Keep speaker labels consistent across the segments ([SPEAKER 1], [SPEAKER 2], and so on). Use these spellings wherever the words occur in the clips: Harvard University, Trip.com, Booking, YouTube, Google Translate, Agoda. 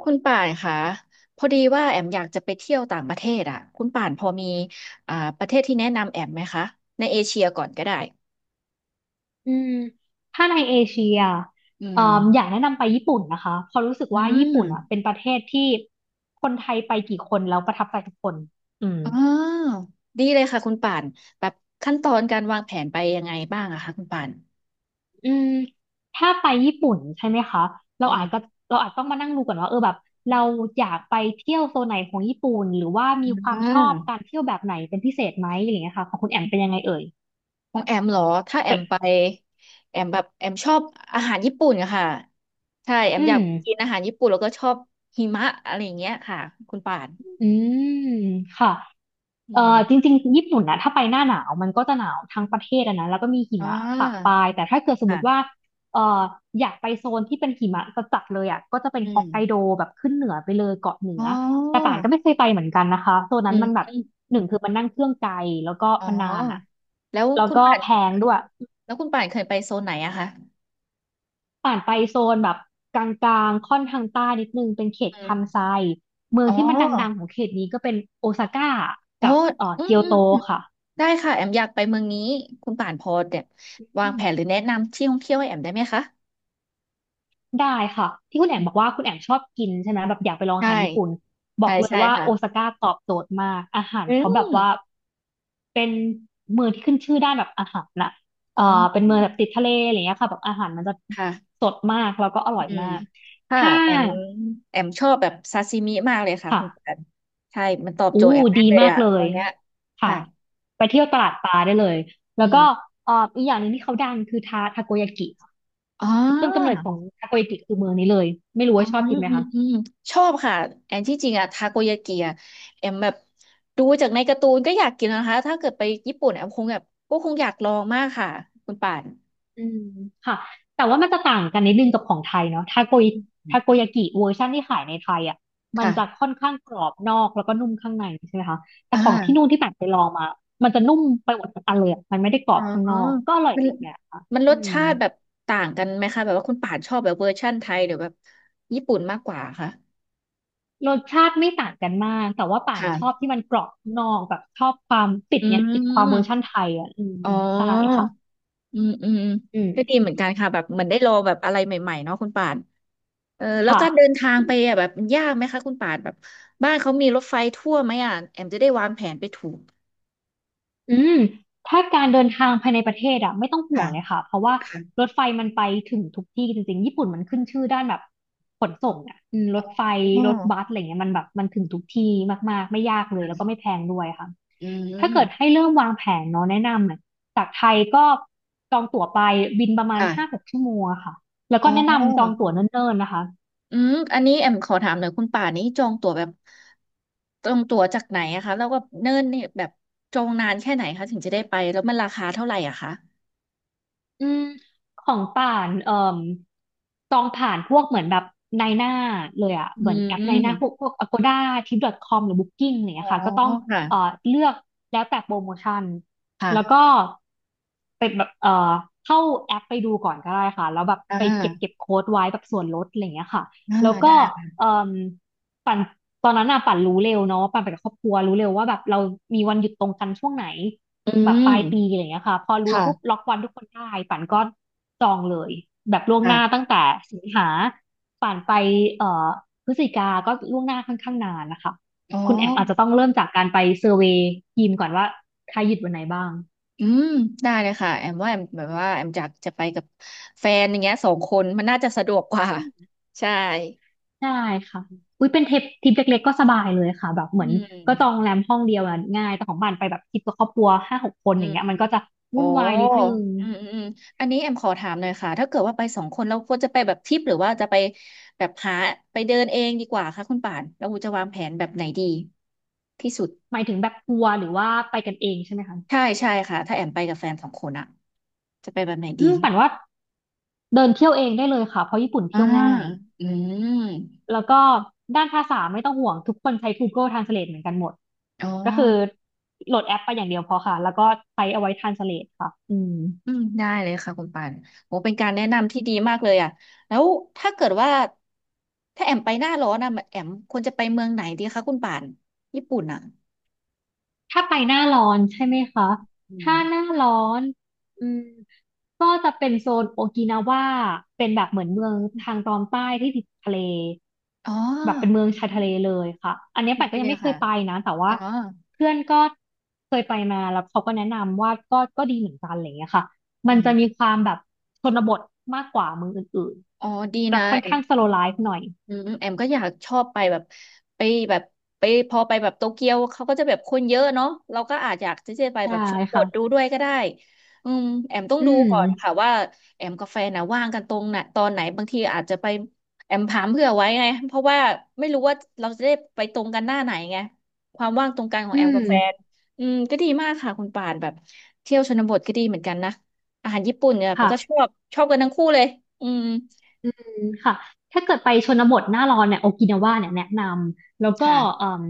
[SPEAKER 1] คุณป่านคะพอดีว่าแอมอยากจะไปเที่ยวต่างประเทศอ่ะคุณป่านพอมีประเทศที่แนะนำแอมไหมคะในเอเชียก่อนก็ได้
[SPEAKER 2] อืมถ้าในเอเชีย
[SPEAKER 1] อื
[SPEAKER 2] เอ่
[SPEAKER 1] ม
[SPEAKER 2] ออยากแนะนำไปญี่ปุ่นนะคะเพราะรู้สึก
[SPEAKER 1] อื
[SPEAKER 2] ว่าญี่
[SPEAKER 1] ม
[SPEAKER 2] ปุ่นอ่ะเป็นประเทศที่คนไทยไปกี่คนแล้วประทับใจทุกคนอืม
[SPEAKER 1] อ๋อ ดีเลยค่ะคุณป่านแบบขั้นตอนการวางแผนไปยังไงบ้างอะคะคุณป่าน
[SPEAKER 2] อืมถ้าไปญี่ปุ่นใช่ไหมคะเรา
[SPEAKER 1] อื
[SPEAKER 2] อาจก็
[SPEAKER 1] ม
[SPEAKER 2] เราอาจต้องมานั่งดูก่อนว่าเออแบบเราอยากไปเที่ยวโซนไหนของญี่ปุ่นหรือว่ามีควา
[SPEAKER 1] อ่
[SPEAKER 2] มชอบกา
[SPEAKER 1] า
[SPEAKER 2] รเที่ยวแบบไหนเป็นพิเศษไหมอะไรอย่างเงี้ยค่ะของคุณแอมเป็นยังไงเอ่ย
[SPEAKER 1] ของแอมเหรอถ้าแอมไปแอมแบบแอมชอบอาหารญี่ปุ่นอะค่ะใช่แอม
[SPEAKER 2] อื
[SPEAKER 1] อยา
[SPEAKER 2] ม
[SPEAKER 1] กกินอาหารญี่ปุ่นแล้วก็ชอบหิมะอะไรอย่างเงี้ยค่ะคุณป่าน
[SPEAKER 2] อืมค่ะ
[SPEAKER 1] อืม
[SPEAKER 2] จริงๆญี่ปุ่นนะถ้าไปหน้าหนาวมันก็จะหนาวทั้งประเทศอะนะแล้วก็มีหิ
[SPEAKER 1] อ่
[SPEAKER 2] มะปะปลา
[SPEAKER 1] า
[SPEAKER 2] ยแต่ถ้าเกิดสมมติว่า
[SPEAKER 1] ค่ะ
[SPEAKER 2] เอ่ออยากไปโซนที่เป็นหิมะจัดๆเลยอ่ะก็จะเป็น
[SPEAKER 1] อื
[SPEAKER 2] ฮอ
[SPEAKER 1] ม
[SPEAKER 2] กไกโดแบบขึ้นเหนือไปเลยเกาะเหนื
[SPEAKER 1] อ๋อ
[SPEAKER 2] อแต่ป่านก็ไม่เคยไปเหมือนกันนะคะโซน
[SPEAKER 1] อื
[SPEAKER 2] นั้น
[SPEAKER 1] ม
[SPEAKER 2] มันแบบหนึ่งคือมันนั่งเครื่องไกลแล้วก็
[SPEAKER 1] อ๋อ
[SPEAKER 2] มันนานอ่ะ
[SPEAKER 1] แล้ว
[SPEAKER 2] แล้ว
[SPEAKER 1] คุณ
[SPEAKER 2] ก็
[SPEAKER 1] ป่าน
[SPEAKER 2] แพงด้วย
[SPEAKER 1] เคยไปโซนไหนอะคะ
[SPEAKER 2] ป่านไปโซนแบบกลางๆค่อนทางใต้นิดนึงเป็นเขต
[SPEAKER 1] อื
[SPEAKER 2] คัน
[SPEAKER 1] ม
[SPEAKER 2] ไซเมือง
[SPEAKER 1] อ๋อ
[SPEAKER 2] ที่มันดังๆของเขตนี้ก็เป็นโอซาก้า
[SPEAKER 1] อ๋อ
[SPEAKER 2] กับ
[SPEAKER 1] อืม
[SPEAKER 2] เกียว
[SPEAKER 1] อืม
[SPEAKER 2] โต
[SPEAKER 1] อืม
[SPEAKER 2] ค่ะ
[SPEAKER 1] ได้ค่ะแอมอยากไปเมืองนี้คุณป่านพอเนี่ยวางแผนหรือแนะนำที่ท่องเที่ยวให้แอมได้ไหมคะ
[SPEAKER 2] ได้ค่ะที่คุณแอมบอกว่าคุณแอมชอบกินใช่ไหมแบบอยากไปลองอา
[SPEAKER 1] ใช่
[SPEAKER 2] หารญี่ปุ่นบอ
[SPEAKER 1] ใช่
[SPEAKER 2] กเลย
[SPEAKER 1] ใช่
[SPEAKER 2] ว่า
[SPEAKER 1] ค่ะ
[SPEAKER 2] โอซาก้าตอบโจทย์มากอาหาร
[SPEAKER 1] อื
[SPEAKER 2] เขาแบบ
[SPEAKER 1] ม
[SPEAKER 2] ว่าเป็นเมืองที่ขึ้นชื่อด้านแบบอาหารน่ะเอ่
[SPEAKER 1] อ๋
[SPEAKER 2] อ
[SPEAKER 1] อ
[SPEAKER 2] เป็นเมืองแบบติดทะเลอะไรเงี้ยค่ะแบบอาหารมันจะ
[SPEAKER 1] ค่ะ
[SPEAKER 2] สดมากแล้วก็อร่อย
[SPEAKER 1] อืม
[SPEAKER 2] มาก
[SPEAKER 1] ค่ะ
[SPEAKER 2] ถ้า
[SPEAKER 1] แอมชอบแบบซาซิมิมากเลยค่ะ
[SPEAKER 2] ค่ะ
[SPEAKER 1] คุณป่านใช่มันตอบ
[SPEAKER 2] อู้
[SPEAKER 1] โจทย์แอมมาก
[SPEAKER 2] ดี
[SPEAKER 1] เลย
[SPEAKER 2] มาก
[SPEAKER 1] อะ
[SPEAKER 2] เล
[SPEAKER 1] ตอ
[SPEAKER 2] ย
[SPEAKER 1] นเนี้ย
[SPEAKER 2] ค่ะ
[SPEAKER 1] ค่ะ
[SPEAKER 2] ไปเที่ยวตลาดปลาได้เลย
[SPEAKER 1] อื
[SPEAKER 2] แล้วก็
[SPEAKER 1] ม
[SPEAKER 2] อีกอย่างหนึงที่เขาดังคือทาโกยากิค่ะ
[SPEAKER 1] อ๋อ
[SPEAKER 2] ต้นกำเนิดของทาโกยากิคือเมืองนี้เลยไม่รู้
[SPEAKER 1] อื
[SPEAKER 2] ว่า
[SPEAKER 1] ม
[SPEAKER 2] ชอบ
[SPEAKER 1] อื
[SPEAKER 2] กินไหม
[SPEAKER 1] ม
[SPEAKER 2] คะ
[SPEAKER 1] อืมชอบค่ะแอนที่จริงอะทาโกยากิอะแอมแบบดูจากในการ์ตูนก็อยากกินนะคะถ้าเกิดไปญี่ปุ่นแอมคงแบบก็คงอยากลองมากค่ะคุณป่าน
[SPEAKER 2] อืมค่ะแต่ว่ามันจะต่างกันนิดนึงกับของไทยเนาะทาโกย
[SPEAKER 1] อืม
[SPEAKER 2] ทาโกยากิเวอร์ชันที่ขายในไทยอ่ะมัน
[SPEAKER 1] ค่ะ
[SPEAKER 2] จะค่อนข้างกรอบนอกแล้วก็นุ่มข้างในใช่ไหมคะแต่
[SPEAKER 1] อ
[SPEAKER 2] ของที่นู่
[SPEAKER 1] ่า
[SPEAKER 2] นที่แบบไปลองมามันจะนุ่มไปหมดทั้งอันเลยอะมันไม่ได้กรอ
[SPEAKER 1] อ๋อ
[SPEAKER 2] บข้างนอกก็อร่อย
[SPEAKER 1] มั
[SPEAKER 2] ไป
[SPEAKER 1] น
[SPEAKER 2] อีกแบบค่ะ
[SPEAKER 1] ร
[SPEAKER 2] อื
[SPEAKER 1] ส
[SPEAKER 2] ม
[SPEAKER 1] ชาติแบบต่างกันไหมคะแบบว่าคุณป่านชอบแบบเวอร์ชั่นไทยหรือแบบญี่ปุ่นมากกว่าคะ
[SPEAKER 2] รสชาติไม่ต่างกันมากแต่ว่าป่านชอบ
[SPEAKER 1] ค่ะ
[SPEAKER 2] ที่มันกรอบข้างนอกแบบชอบความติด
[SPEAKER 1] อื
[SPEAKER 2] เนี่ยติดความเวอร์ชัน
[SPEAKER 1] ม
[SPEAKER 2] ไทยอ่ะอืม
[SPEAKER 1] อ๋อ
[SPEAKER 2] ใช่ค่ะ
[SPEAKER 1] อืมอืม
[SPEAKER 2] อื
[SPEAKER 1] ก็ดี
[SPEAKER 2] ม
[SPEAKER 1] เหมือนกันค่ะแบบเหมือนได้ลองแบบอะไรใหม่ๆเนาะคุณป่าน เออแล้ว
[SPEAKER 2] ค่ะ
[SPEAKER 1] การเดินทางไปอ่ะแบบมันยากไหมคะคุณป่านแบบบ้านเขามีรถไฟทั่วไหมอ่ะแอมจะได้วางแผนไปถูก
[SPEAKER 2] อืมถ้าการเดินทางภายในประเทศอะไม่ต้องห่ว
[SPEAKER 1] ค่ะ
[SPEAKER 2] งเลยค่ะเพราะว่าร
[SPEAKER 1] ค่ะ
[SPEAKER 2] ถไฟมันไปถึงทุกที่จริงๆญี่ปุ่นมันขึ้นชื่อด้านแบบขนส่งอะรถไฟ
[SPEAKER 1] อ๋
[SPEAKER 2] รถบัส
[SPEAKER 1] อ
[SPEAKER 2] อะไรเงี้ยมันแบบมันถึงทุกที่มากๆไม่ยากเลยแล้วก็ไม่
[SPEAKER 1] ค่ะ
[SPEAKER 2] แพงด้วยค่ะ
[SPEAKER 1] อื
[SPEAKER 2] ถ้าเกิดให้
[SPEAKER 1] ม
[SPEAKER 2] เริ่มวางแผนเนาะแนะนำเนี่ยจากไทยก็จองตั๋วไปบินประมาณห้าห
[SPEAKER 1] ค่ะ
[SPEAKER 2] กชั่วโมงอะค่ะแล้ว
[SPEAKER 1] อ๋
[SPEAKER 2] ก็แนะนำจอง
[SPEAKER 1] อ
[SPEAKER 2] ตั๋วเนิ่นๆนะคะ
[SPEAKER 1] อืมอันนี้แอมขอถามหน่อยคุณป่านนี้จองตั๋วแบบจองตั๋วจากไหนอะคะแล้วก็เนิ่นเนี่ยแบบจองนานแค่ไหนคะถึงจะได้ไปแล้วมันราคาเท่าไหร่อะคะ
[SPEAKER 2] อืมของป่านจองผ่านพวกเหมือนแบบนายหน้าเลยอะเห
[SPEAKER 1] อื
[SPEAKER 2] มือนแอปนายหน้าพ
[SPEAKER 1] ม
[SPEAKER 2] วกพวก Agoda Trip.com หรือ Booking อะไรอย่าง
[SPEAKER 1] อ๋อ
[SPEAKER 2] เงี้ยค่ะก็ต้อง
[SPEAKER 1] ค่ะ
[SPEAKER 2] เอ่อเลือกแล้วแต่โปรโมชั่นแล้วก็
[SPEAKER 1] ค่ะ
[SPEAKER 2] เป็นแบบเข้าแอปไปดูก่อนก็ได้ค่ะแล้วแบบ
[SPEAKER 1] อ่า
[SPEAKER 2] ไปเก็บโค้ดไว้แบบส่วนลดอะไรอย่างเงี้ยค่ะ
[SPEAKER 1] อ่า
[SPEAKER 2] แล้วก็
[SPEAKER 1] ได้ค่ะ
[SPEAKER 2] เอ่อ ปั่นตอนนั้นน่ะปั่นรู้เร็วเนาะปั่นไปกับครอบครัวรู้เร็วว่าแบบเรามีวันหยุดตรงกันช่วงไหน
[SPEAKER 1] อื
[SPEAKER 2] แบบป
[SPEAKER 1] ม
[SPEAKER 2] ลายปีอะไรอย่างเงี้ยค่ะพอรู้
[SPEAKER 1] ค่ะ
[SPEAKER 2] ปุ๊บล็อกวันทุกคนได้ปั่นก็จองเลยแบบล่วงหน้า
[SPEAKER 1] ค่ะ
[SPEAKER 2] ตั้งแต่สิงหาปั่นไปเอ่อพฤศจิกา ก็ล่วงหน้าค่อนข้างนานนะคะ
[SPEAKER 1] อ๋อ
[SPEAKER 2] คุณแอมอาจจะต้องเริ่มจากการไปเซอร์เวย์ทีมก่อนว่าใครหยุดวันไหนบ้าง
[SPEAKER 1] อืมได้เลยค่ะแอมว่าแอมแบบว่าแอมอยากจะไปกับแฟนอย่างเงี้ยสองคนมันน่าจะสะดวกกว่า ใช่
[SPEAKER 2] ได้ค่ะ อุ้ยเป็นทริปเล็กๆก็สบายเลยค่ะแบบเห
[SPEAKER 1] อื
[SPEAKER 2] มือน
[SPEAKER 1] ม
[SPEAKER 2] ก็จองโรงแรมห้องเดียวอะง่ายแต่ของบ้านไปแบบทริปกับครอบครัวห้าหกคน
[SPEAKER 1] อื
[SPEAKER 2] อย่าง
[SPEAKER 1] ม
[SPEAKER 2] เงี้ยมันก็จะ
[SPEAKER 1] โอ้
[SPEAKER 2] วุ่นวายนิดนึง
[SPEAKER 1] อืมอืมอืมอันนี้แอมขอถามหน่อยค่ะถ้าเกิดว่าไปสองคนเราควรจะไปแบบทริปหรือว่าจะไปแบบหาไปเดินเองดีกว่าคะคุณป่านเราจะวางแผนแบบไหนดีที่สุด
[SPEAKER 2] หมายถึงแบบทัวร์หรือว่าไปกันเองใช่ไหมคะ
[SPEAKER 1] ใช่ใช่ค่ะถ้าแอมไปกับแฟนสองคนอะจะไปแบบไหนดี
[SPEAKER 2] ปั่นว่าเดินเที่ยวเองได้เลยค่ะเพราะญี่ปุ่น
[SPEAKER 1] อ่า
[SPEAKER 2] เที่ยวง่าย
[SPEAKER 1] อืม
[SPEAKER 2] แล้วก็ด้านภาษาไม่ต้องห่วงทุกคนใช้ Google Translate เหมือนกันหมด
[SPEAKER 1] อ๋อ
[SPEAKER 2] ก็คือโหลดแอปไปอย่างเดียวพอค่ะแล้วก็ใช้เอาไว้ Translate ค่ะอืม
[SPEAKER 1] อืมได้เลยค่ะคุณปานโอ้เป็นการแนะนำที่ดีมากเลยอ่ะแล้วถ้าเกิดว่าถ้าแอมไปหน้าร้อนอ่ะแอมควรจะไปเมืองไหนดีคะคุณปานญี่ปุ่นอ่ะ
[SPEAKER 2] ถ้าไปหน้าร้อนใช่ไหมคะ
[SPEAKER 1] อืม
[SPEAKER 2] ถ้าหน้าร้อนอืมก็จะเป็นโซนโอกินาวาเป็นแบบเหมือนเมืองทางตอนใต้ที่ติดทะเล
[SPEAKER 1] อ๋อ
[SPEAKER 2] แบบเป็นเมืองชายทะเลเลยค่ะอันนี้ปัดก็ยัง
[SPEAKER 1] เนี่ย
[SPEAKER 2] ไม่เค
[SPEAKER 1] ค่ะ
[SPEAKER 2] ยไปนะแต่ว่า
[SPEAKER 1] อ๋อ
[SPEAKER 2] เพื่อนก็เคยไปมาแล้วเขาก็แนะนำว่าก็ดีเหมือนกันอะไรอย่างเงี้ยค่ะมั
[SPEAKER 1] อื
[SPEAKER 2] น
[SPEAKER 1] ม
[SPEAKER 2] จะมีความแบบชนบทมากกว่าเมืองอื่น
[SPEAKER 1] อ๋อดี
[SPEAKER 2] ๆจะ
[SPEAKER 1] นะ
[SPEAKER 2] ค่อนข้างสโลว์ไลฟ์หน่อย
[SPEAKER 1] อืมแอมก็อยากชอบไปแบบไปแบบไปพอไปแบบโตเกียวเขาก็จะแบบคนเยอะเนาะเราก็อาจอยากจะไปแบ
[SPEAKER 2] ใช่
[SPEAKER 1] บชนบทดู
[SPEAKER 2] ค่ะ
[SPEAKER 1] ด้วยก็ได้อืมแอมต้อง
[SPEAKER 2] อื
[SPEAKER 1] ดู
[SPEAKER 2] ม
[SPEAKER 1] ก่อนค่ะว่าแอมกับแฟนนะว่างกันตรงไหนตอนไหนบางทีอาจจะไปแอมถามเผื่อไว้ไงเพราะว่าไม่รู้ว่าเราจะได้ไปตรงกันหน้าไหนไงความว่างตรงกันของ
[SPEAKER 2] อื
[SPEAKER 1] แอมกั
[SPEAKER 2] ม
[SPEAKER 1] บแฟนอืมก็ดีมากค่ะคุณป่านแบบเที่ยวชนบทก็ดีเหมือนกันนะอาหารญี่ปุ่นเนี่ยมัน
[SPEAKER 2] ค่ะ
[SPEAKER 1] ก็ชอบชอบกันทั้งคู่เลยอืม
[SPEAKER 2] อืมค่ะถ้าเกิดไปชนบทหน้าร้อนเนี่ยโอกินาวาเนี่ยแนะนำแล้วก็เอ่
[SPEAKER 1] ค่ะ
[SPEAKER 2] ม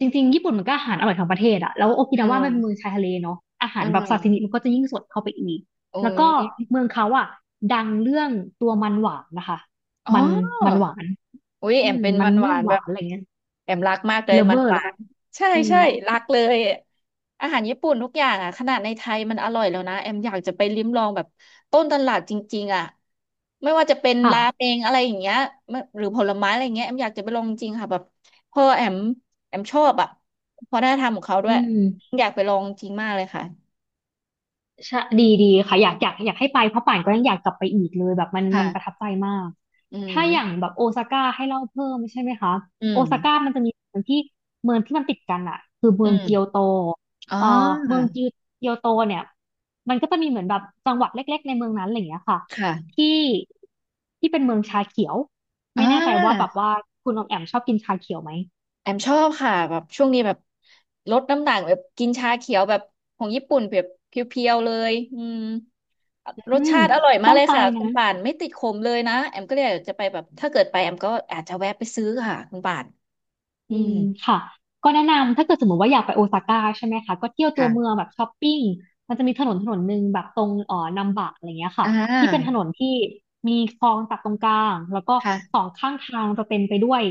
[SPEAKER 2] จริงๆญี่ปุ่นมันก็อาหารอร่อยทั้งประเทศอะแล้วโอกิ
[SPEAKER 1] อื
[SPEAKER 2] นาวามั
[SPEAKER 1] ม
[SPEAKER 2] นเป็นเมืองชายทะเลเนาะอาหา
[SPEAKER 1] เอ
[SPEAKER 2] รแบบซาซิมิ
[SPEAKER 1] อ
[SPEAKER 2] มันก็จะยิ่งสดเข้าไปอีก
[SPEAKER 1] โอ้
[SPEAKER 2] แล้ว
[SPEAKER 1] ย
[SPEAKER 2] ก็เมืองเขาอะดังเรื่องตัวมันหวานนะคะ
[SPEAKER 1] อ๋อ
[SPEAKER 2] มันมันหวาน
[SPEAKER 1] อุ้ยแอ
[SPEAKER 2] อื
[SPEAKER 1] ม
[SPEAKER 2] ม
[SPEAKER 1] เป็น
[SPEAKER 2] มัน
[SPEAKER 1] มันห
[SPEAKER 2] ม่
[SPEAKER 1] วา
[SPEAKER 2] วง
[SPEAKER 1] น
[SPEAKER 2] ห
[SPEAKER 1] แบ
[SPEAKER 2] วา
[SPEAKER 1] บ
[SPEAKER 2] นอะไรเงี้ย
[SPEAKER 1] แอมรักมากเลย
[SPEAKER 2] เล
[SPEAKER 1] มั
[SPEAKER 2] เว
[SPEAKER 1] น
[SPEAKER 2] อ
[SPEAKER 1] ห
[SPEAKER 2] ร์เหร
[SPEAKER 1] วา
[SPEAKER 2] อคะ
[SPEAKER 1] นใช่
[SPEAKER 2] อืม
[SPEAKER 1] ใช่รักเลยอาหารญี่ปุ่นทุกอย่างอ่ะขนาดในไทยมันอร่อยแล้วนะแอมอยากจะไปลิ้มลองแบบต้นตลาดจริงๆอ่ะไม่ว่าจะเป็น
[SPEAKER 2] ค่ะ
[SPEAKER 1] ราเมงอะไรอย่างเงี้ยไม่หรือผลไม้อะไรอย่างเงี้ยแอมอยากจะไปลองจริงค่ะแบบพอแอมชอบอ่ะวัฒนธรรมของเขาด้
[SPEAKER 2] อื
[SPEAKER 1] วย
[SPEAKER 2] ม
[SPEAKER 1] อยากไปลองจริงมากเลยค่ะ
[SPEAKER 2] ใช่ดีดีค่ะอยากให้ไปเพราะป่านก็ยังอยากกลับไปอีกเลยแบบมันประทั
[SPEAKER 1] ค่ะ
[SPEAKER 2] บใจมาก
[SPEAKER 1] อื
[SPEAKER 2] ถ้าอย่าง
[SPEAKER 1] ม
[SPEAKER 2] แบบโอซาก้าให้เล่าเพิ่มใช่ไหมคะ
[SPEAKER 1] อื
[SPEAKER 2] โอซาก้า
[SPEAKER 1] ม
[SPEAKER 2] มันจะมีเมืองที่มันติดกันอะคือเมื
[SPEAKER 1] อื
[SPEAKER 2] องเกียว
[SPEAKER 1] ม
[SPEAKER 2] โต
[SPEAKER 1] อ๋อ
[SPEAKER 2] เอ่อเมืองจิวเกียวโตเนี่ยมันก็จะมีเหมือนแบบจังหวัดเล็กๆในเมืองนั้นอะไรอย่างเงี้ยค่ะ
[SPEAKER 1] ค่ะ
[SPEAKER 2] ที่ที่เป็นเมืองชาเขียว
[SPEAKER 1] อ่
[SPEAKER 2] ไม่แน่ใจว่าแบบ
[SPEAKER 1] า
[SPEAKER 2] ว่าคุณออมแอมชอบกินชาเขียวไหม
[SPEAKER 1] แอมชอบค่ะแบบช่วงนี้แบบลดน้ำหนักแบบกินชาเขียวแบบของญี่ปุ่นแบบเพียวๆเลยอืมร
[SPEAKER 2] อื
[SPEAKER 1] ส
[SPEAKER 2] ม
[SPEAKER 1] ชาติอร่อยมา
[SPEAKER 2] ต้
[SPEAKER 1] ก
[SPEAKER 2] อง
[SPEAKER 1] เลย
[SPEAKER 2] ไป
[SPEAKER 1] ค่ะคุ
[SPEAKER 2] นะ
[SPEAKER 1] ณป่านไม่ติดขมเลยนะแอมก็เลยอยากจะไปแบบถ้าเกิดไปแอมก็อาจจะแวะไปซื้อค่ะคุณป่านอื
[SPEAKER 2] อื
[SPEAKER 1] ม
[SPEAKER 2] มค่ะก็แนะนำถ้าเกิดสมมติว่าอยากไปโอซาก้าใช่ไหมคะก็เที่ยวตัวเมือ
[SPEAKER 1] ค่ะ
[SPEAKER 2] งแบบช้อปปิ้งมันจะมีถนนหนึ่งแบบตรงนัมบะอะไรเงี้ย
[SPEAKER 1] อ่
[SPEAKER 2] ค่ะที่เป็นถ
[SPEAKER 1] า
[SPEAKER 2] นนที่มีคลองตัดตรงกลางแล้วก็สอ
[SPEAKER 1] ค่ะ
[SPEAKER 2] งข้างทางจะเต็มไปด้วย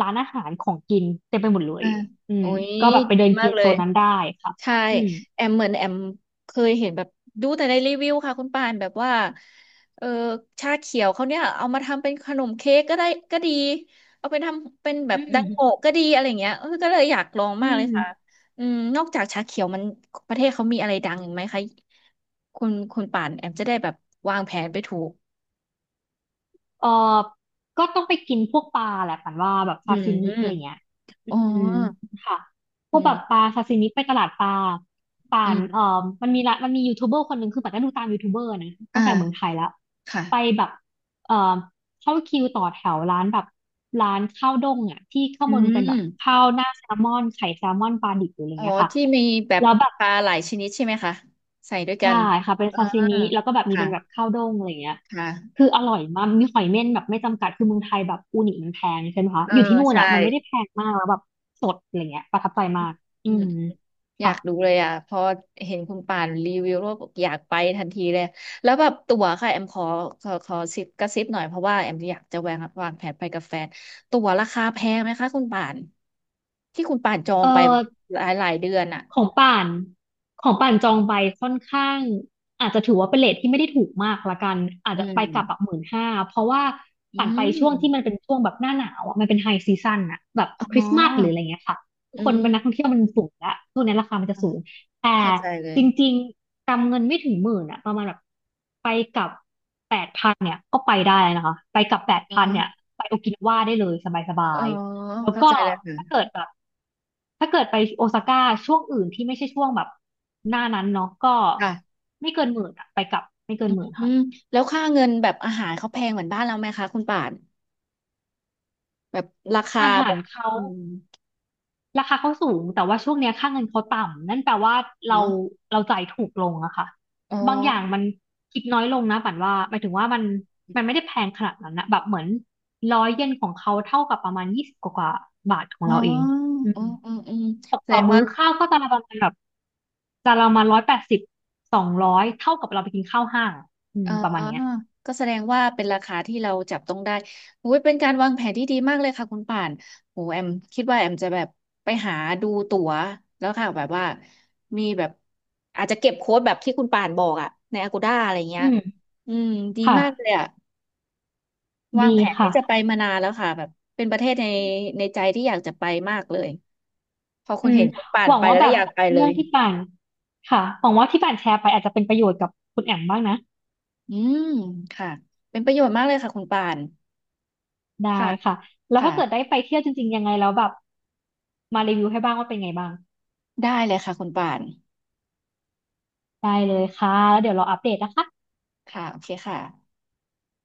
[SPEAKER 2] ร้านอาหารของกินเต็มไปหมดเล
[SPEAKER 1] อ่า
[SPEAKER 2] ยอื
[SPEAKER 1] โอ้
[SPEAKER 2] ม
[SPEAKER 1] ย
[SPEAKER 2] ก็แบบไป
[SPEAKER 1] ดี
[SPEAKER 2] เดิน
[SPEAKER 1] มา
[SPEAKER 2] กิ
[SPEAKER 1] ก
[SPEAKER 2] น
[SPEAKER 1] เล
[SPEAKER 2] โซ
[SPEAKER 1] ย
[SPEAKER 2] นนั้นได้ค่ะ
[SPEAKER 1] ใช่
[SPEAKER 2] อืม
[SPEAKER 1] แอมเหมือนแอมเคยเห็นแบบดูแต่ในรีวิวค่ะคุณปานแบบว่าเออชาเขียวเขาเนี่ยเอามาทำเป็นขนมเค้กก็ได้ก็ดีเอาไปทำเป็นแบ
[SPEAKER 2] อื
[SPEAKER 1] บดั
[SPEAKER 2] ม
[SPEAKER 1] งโงะก็ดีอะไรเงี้ยเออก็เลยอยากลอง
[SPEAKER 2] อื
[SPEAKER 1] มากเลยค่ะ
[SPEAKER 2] ม
[SPEAKER 1] อืมนอกจากชาเขียวมันประเทศเขามีอะไรดังอีกไหมคะคุณป่านแอมจะได้แบบวางแผนไปถูก
[SPEAKER 2] เออก็ต้องไปกินพวกปลาแหละฝันว่าแบบ
[SPEAKER 1] อื
[SPEAKER 2] ซาซิมิ
[SPEAKER 1] ม
[SPEAKER 2] อะไรเงี้ย
[SPEAKER 1] อ๋อ
[SPEAKER 2] อืมค่ะพว
[SPEAKER 1] อื
[SPEAKER 2] กแบบป
[SPEAKER 1] ม
[SPEAKER 2] ลาซาซิมิไปตลาดปลา
[SPEAKER 1] อื
[SPEAKER 2] เอ่อ
[SPEAKER 1] ม
[SPEAKER 2] มันมียูทูบเบอร์คนหนึ่งคือปัดก็ดูตามยูทูบเบอร์นะตั้งแต่เมืองไท
[SPEAKER 1] อ่า
[SPEAKER 2] ยแล้วไป
[SPEAKER 1] ค่ะ
[SPEAKER 2] แบบเอ่อเข้าคิวต่อแถวร้านแบบร้านข้าวด้งอ่ะที่ข้าง
[SPEAKER 1] อื
[SPEAKER 2] บนเป็นแบบ
[SPEAKER 1] ม
[SPEAKER 2] ข้าวหน้าแซลมอนไข่แซลมอนปลาดิบหรืออะไร
[SPEAKER 1] อ๋อ
[SPEAKER 2] เงี้ยค่ะ
[SPEAKER 1] ที่มีแบบ
[SPEAKER 2] แล้วแบบ
[SPEAKER 1] ปลาหลายชนิดใช่ไหมคะใส่ด้วยกั
[SPEAKER 2] ใช่
[SPEAKER 1] น
[SPEAKER 2] ค่ะเป็น
[SPEAKER 1] อ่า
[SPEAKER 2] ซาซิมิแล้วก็แบบมี
[SPEAKER 1] ค่ะ
[SPEAKER 2] เป็นแบบข้าวด้งอะไรเงี้ย
[SPEAKER 1] ค่ะ
[SPEAKER 2] คืออร่อยมากมีหอยเม่นแบบไม่จำกัดคือเมืองไทยแบบอูนิมันแพงใช่ไหมคะ
[SPEAKER 1] เออ
[SPEAKER 2] อยู่ที่นู่น
[SPEAKER 1] ใช่
[SPEAKER 2] อ่ะมันไม่ได้แพงมากแล้วแบบสดอะไรเงี้ยประทับใจมากอื
[SPEAKER 1] อืม
[SPEAKER 2] ม
[SPEAKER 1] อยา
[SPEAKER 2] ค่ะ
[SPEAKER 1] กดูเลยอ่ะพอเห็นคุณป่านรีวิวแล้วบอกอยากไปทันทีเลยแล้วแบบตั๋วค่ะแอมขอขอซิปกระซิบหน่อยเพราะว่าแอมอยากจะวางแผนไปกับแฟนตั๋วราคาแพงไหมคะคุณป่านที่คุณป่านจอ
[SPEAKER 2] เอ
[SPEAKER 1] งไป
[SPEAKER 2] อ
[SPEAKER 1] หลายหลายเดือนอ่ะ
[SPEAKER 2] ของป่านของป่านจองไปค่อนข้างอาจจะถือว่าเป็นเรทที่ไม่ได้ถูกมากละกันอาจ
[SPEAKER 1] อื
[SPEAKER 2] จะไปกลับแบบ
[SPEAKER 1] ม
[SPEAKER 2] 15,000เพราะว่า
[SPEAKER 1] อื
[SPEAKER 2] ป่านไปช่วงที่มัน
[SPEAKER 1] ม
[SPEAKER 2] เป็นช่วงแบบหน้าหนาวอะมันเป็นไฮซีซั o นอะแบบค
[SPEAKER 1] อ๋
[SPEAKER 2] ริ
[SPEAKER 1] อ
[SPEAKER 2] สต์มาสหรืออะไรเงี้ยค่ะ
[SPEAKER 1] อื
[SPEAKER 2] คน
[SPEAKER 1] ม
[SPEAKER 2] มันนักท่องเที่ยวมันสูงละช่วงนี้ราคามันจะสูงแต่
[SPEAKER 1] เข้าใจเล
[SPEAKER 2] จ
[SPEAKER 1] ย
[SPEAKER 2] ริงๆกำเงินไม่ถึงหมื่นอะประมาณแบบไปกลับแปดพันเนี่ยก็ไปได้นะคะไปกลับแปด
[SPEAKER 1] อ๋อ
[SPEAKER 2] พันเนี่ยไปโอกินาวาได้เลยส
[SPEAKER 1] อ๋
[SPEAKER 2] บา
[SPEAKER 1] อ
[SPEAKER 2] ย แล้ว
[SPEAKER 1] เข้า
[SPEAKER 2] ก็
[SPEAKER 1] ใจแล้วค่ะ
[SPEAKER 2] ถ้าเกิดแบบถ้าเกิดไปโอซาก้าช่วงอื่นที่ไม่ใช่ช่วงแบบหน้านั้นเนาะก็
[SPEAKER 1] ค่ะ
[SPEAKER 2] ไม่เกินหมื่นอะไปกลับไม่เกินหมื่น
[SPEAKER 1] อื
[SPEAKER 2] ค่ะ
[SPEAKER 1] มแล้วค่าเงินแบบอาหารเขาแพงเหมือนบ้านเราไหมคะคุณป่านแบบราคา
[SPEAKER 2] อาหา
[SPEAKER 1] แบ
[SPEAKER 2] ร
[SPEAKER 1] บ
[SPEAKER 2] เขา
[SPEAKER 1] อืม
[SPEAKER 2] ราคาเขาสูงแต่ว่าช่วงเนี้ยค่าเงินเขาต่ำนั่นแปลว่า
[SPEAKER 1] เน
[SPEAKER 2] เรา
[SPEAKER 1] อะ
[SPEAKER 2] เราจ่ายถูกลงอะค่ะ
[SPEAKER 1] อ๋อ
[SPEAKER 2] บางอย่างมันคิดน้อยลงนะปันว่าหมายถึงว่ามันไม่ได้แพงขนาดนั้นนะแบบเหมือน100 เยนของเขาเท่ากับประมาณ20กว่าๆบาทของ
[SPEAKER 1] อ๋อ
[SPEAKER 2] เราเองอื
[SPEAKER 1] อื
[SPEAKER 2] ม
[SPEAKER 1] มอืมอืม
[SPEAKER 2] ตก
[SPEAKER 1] แส
[SPEAKER 2] ต่
[SPEAKER 1] ด
[SPEAKER 2] อ
[SPEAKER 1] ง
[SPEAKER 2] มื้
[SPEAKER 1] ว่า
[SPEAKER 2] อข้าวก็จานละประมาณแบบจานละประมาณ180200เท่ากับเราไปกินข้าวห้างอะอืม
[SPEAKER 1] อ๋อ
[SPEAKER 2] ประมาณเนี้ย
[SPEAKER 1] ก็แสดงว่าเป็นราคาที่เราจับต้องได้โอ้ยเป็นการวางแผนที่ดีมากเลยค่ะคุณป่านโหแอมคิดว่าแอมจะแบบไปหาดูตั๋วแล้วค่ะแบบว่ามีแบบอาจจะเก็บโค้ดแบบที่คุณป่านบอกอะใน Agoda อะไรเงี้
[SPEAKER 2] อื
[SPEAKER 1] ย
[SPEAKER 2] ม
[SPEAKER 1] อืมดี
[SPEAKER 2] ค่ะ
[SPEAKER 1] มากเลยอะ วา
[SPEAKER 2] ดี
[SPEAKER 1] งแผนที่
[SPEAKER 2] ค่ะ
[SPEAKER 1] จะไปมานานแล้วค่ะแบบเป็นประเทศในในใจที่อยากจะไปมากเลยพอ
[SPEAKER 2] อื
[SPEAKER 1] คุณ
[SPEAKER 2] ม
[SPEAKER 1] เห็นคุณป่า
[SPEAKER 2] ห
[SPEAKER 1] น
[SPEAKER 2] วัง
[SPEAKER 1] ไป
[SPEAKER 2] ว่า
[SPEAKER 1] แล้ว
[SPEAKER 2] แบ
[SPEAKER 1] ก็
[SPEAKER 2] บ
[SPEAKER 1] อยากไปเล
[SPEAKER 2] เรื่อง
[SPEAKER 1] ย
[SPEAKER 2] ที่ป่านค่ะหวังว่าที่ป่านแชร์ไปอาจจะเป็นประโยชน์กับคุณแอมบ้างนะ
[SPEAKER 1] อืมค่ะเป็นประโยชน์มากเลยค่ะคุณป่าน
[SPEAKER 2] ได้
[SPEAKER 1] ค่ะ
[SPEAKER 2] ค่ะแล้ว
[SPEAKER 1] ค่ะ
[SPEAKER 2] ถ้าเกิดได้ไปเที่ยวจริงๆยังไงแล้วแบบมารีวิวให้บ้างว่าเป็นไงบ้าง
[SPEAKER 1] ได้เลยค่ะคุณป่าน
[SPEAKER 2] ได้เลยค่ะแล้วเดี๋ยวเราอัปเดตนะคะ
[SPEAKER 1] ค่ะโอเคค่ะ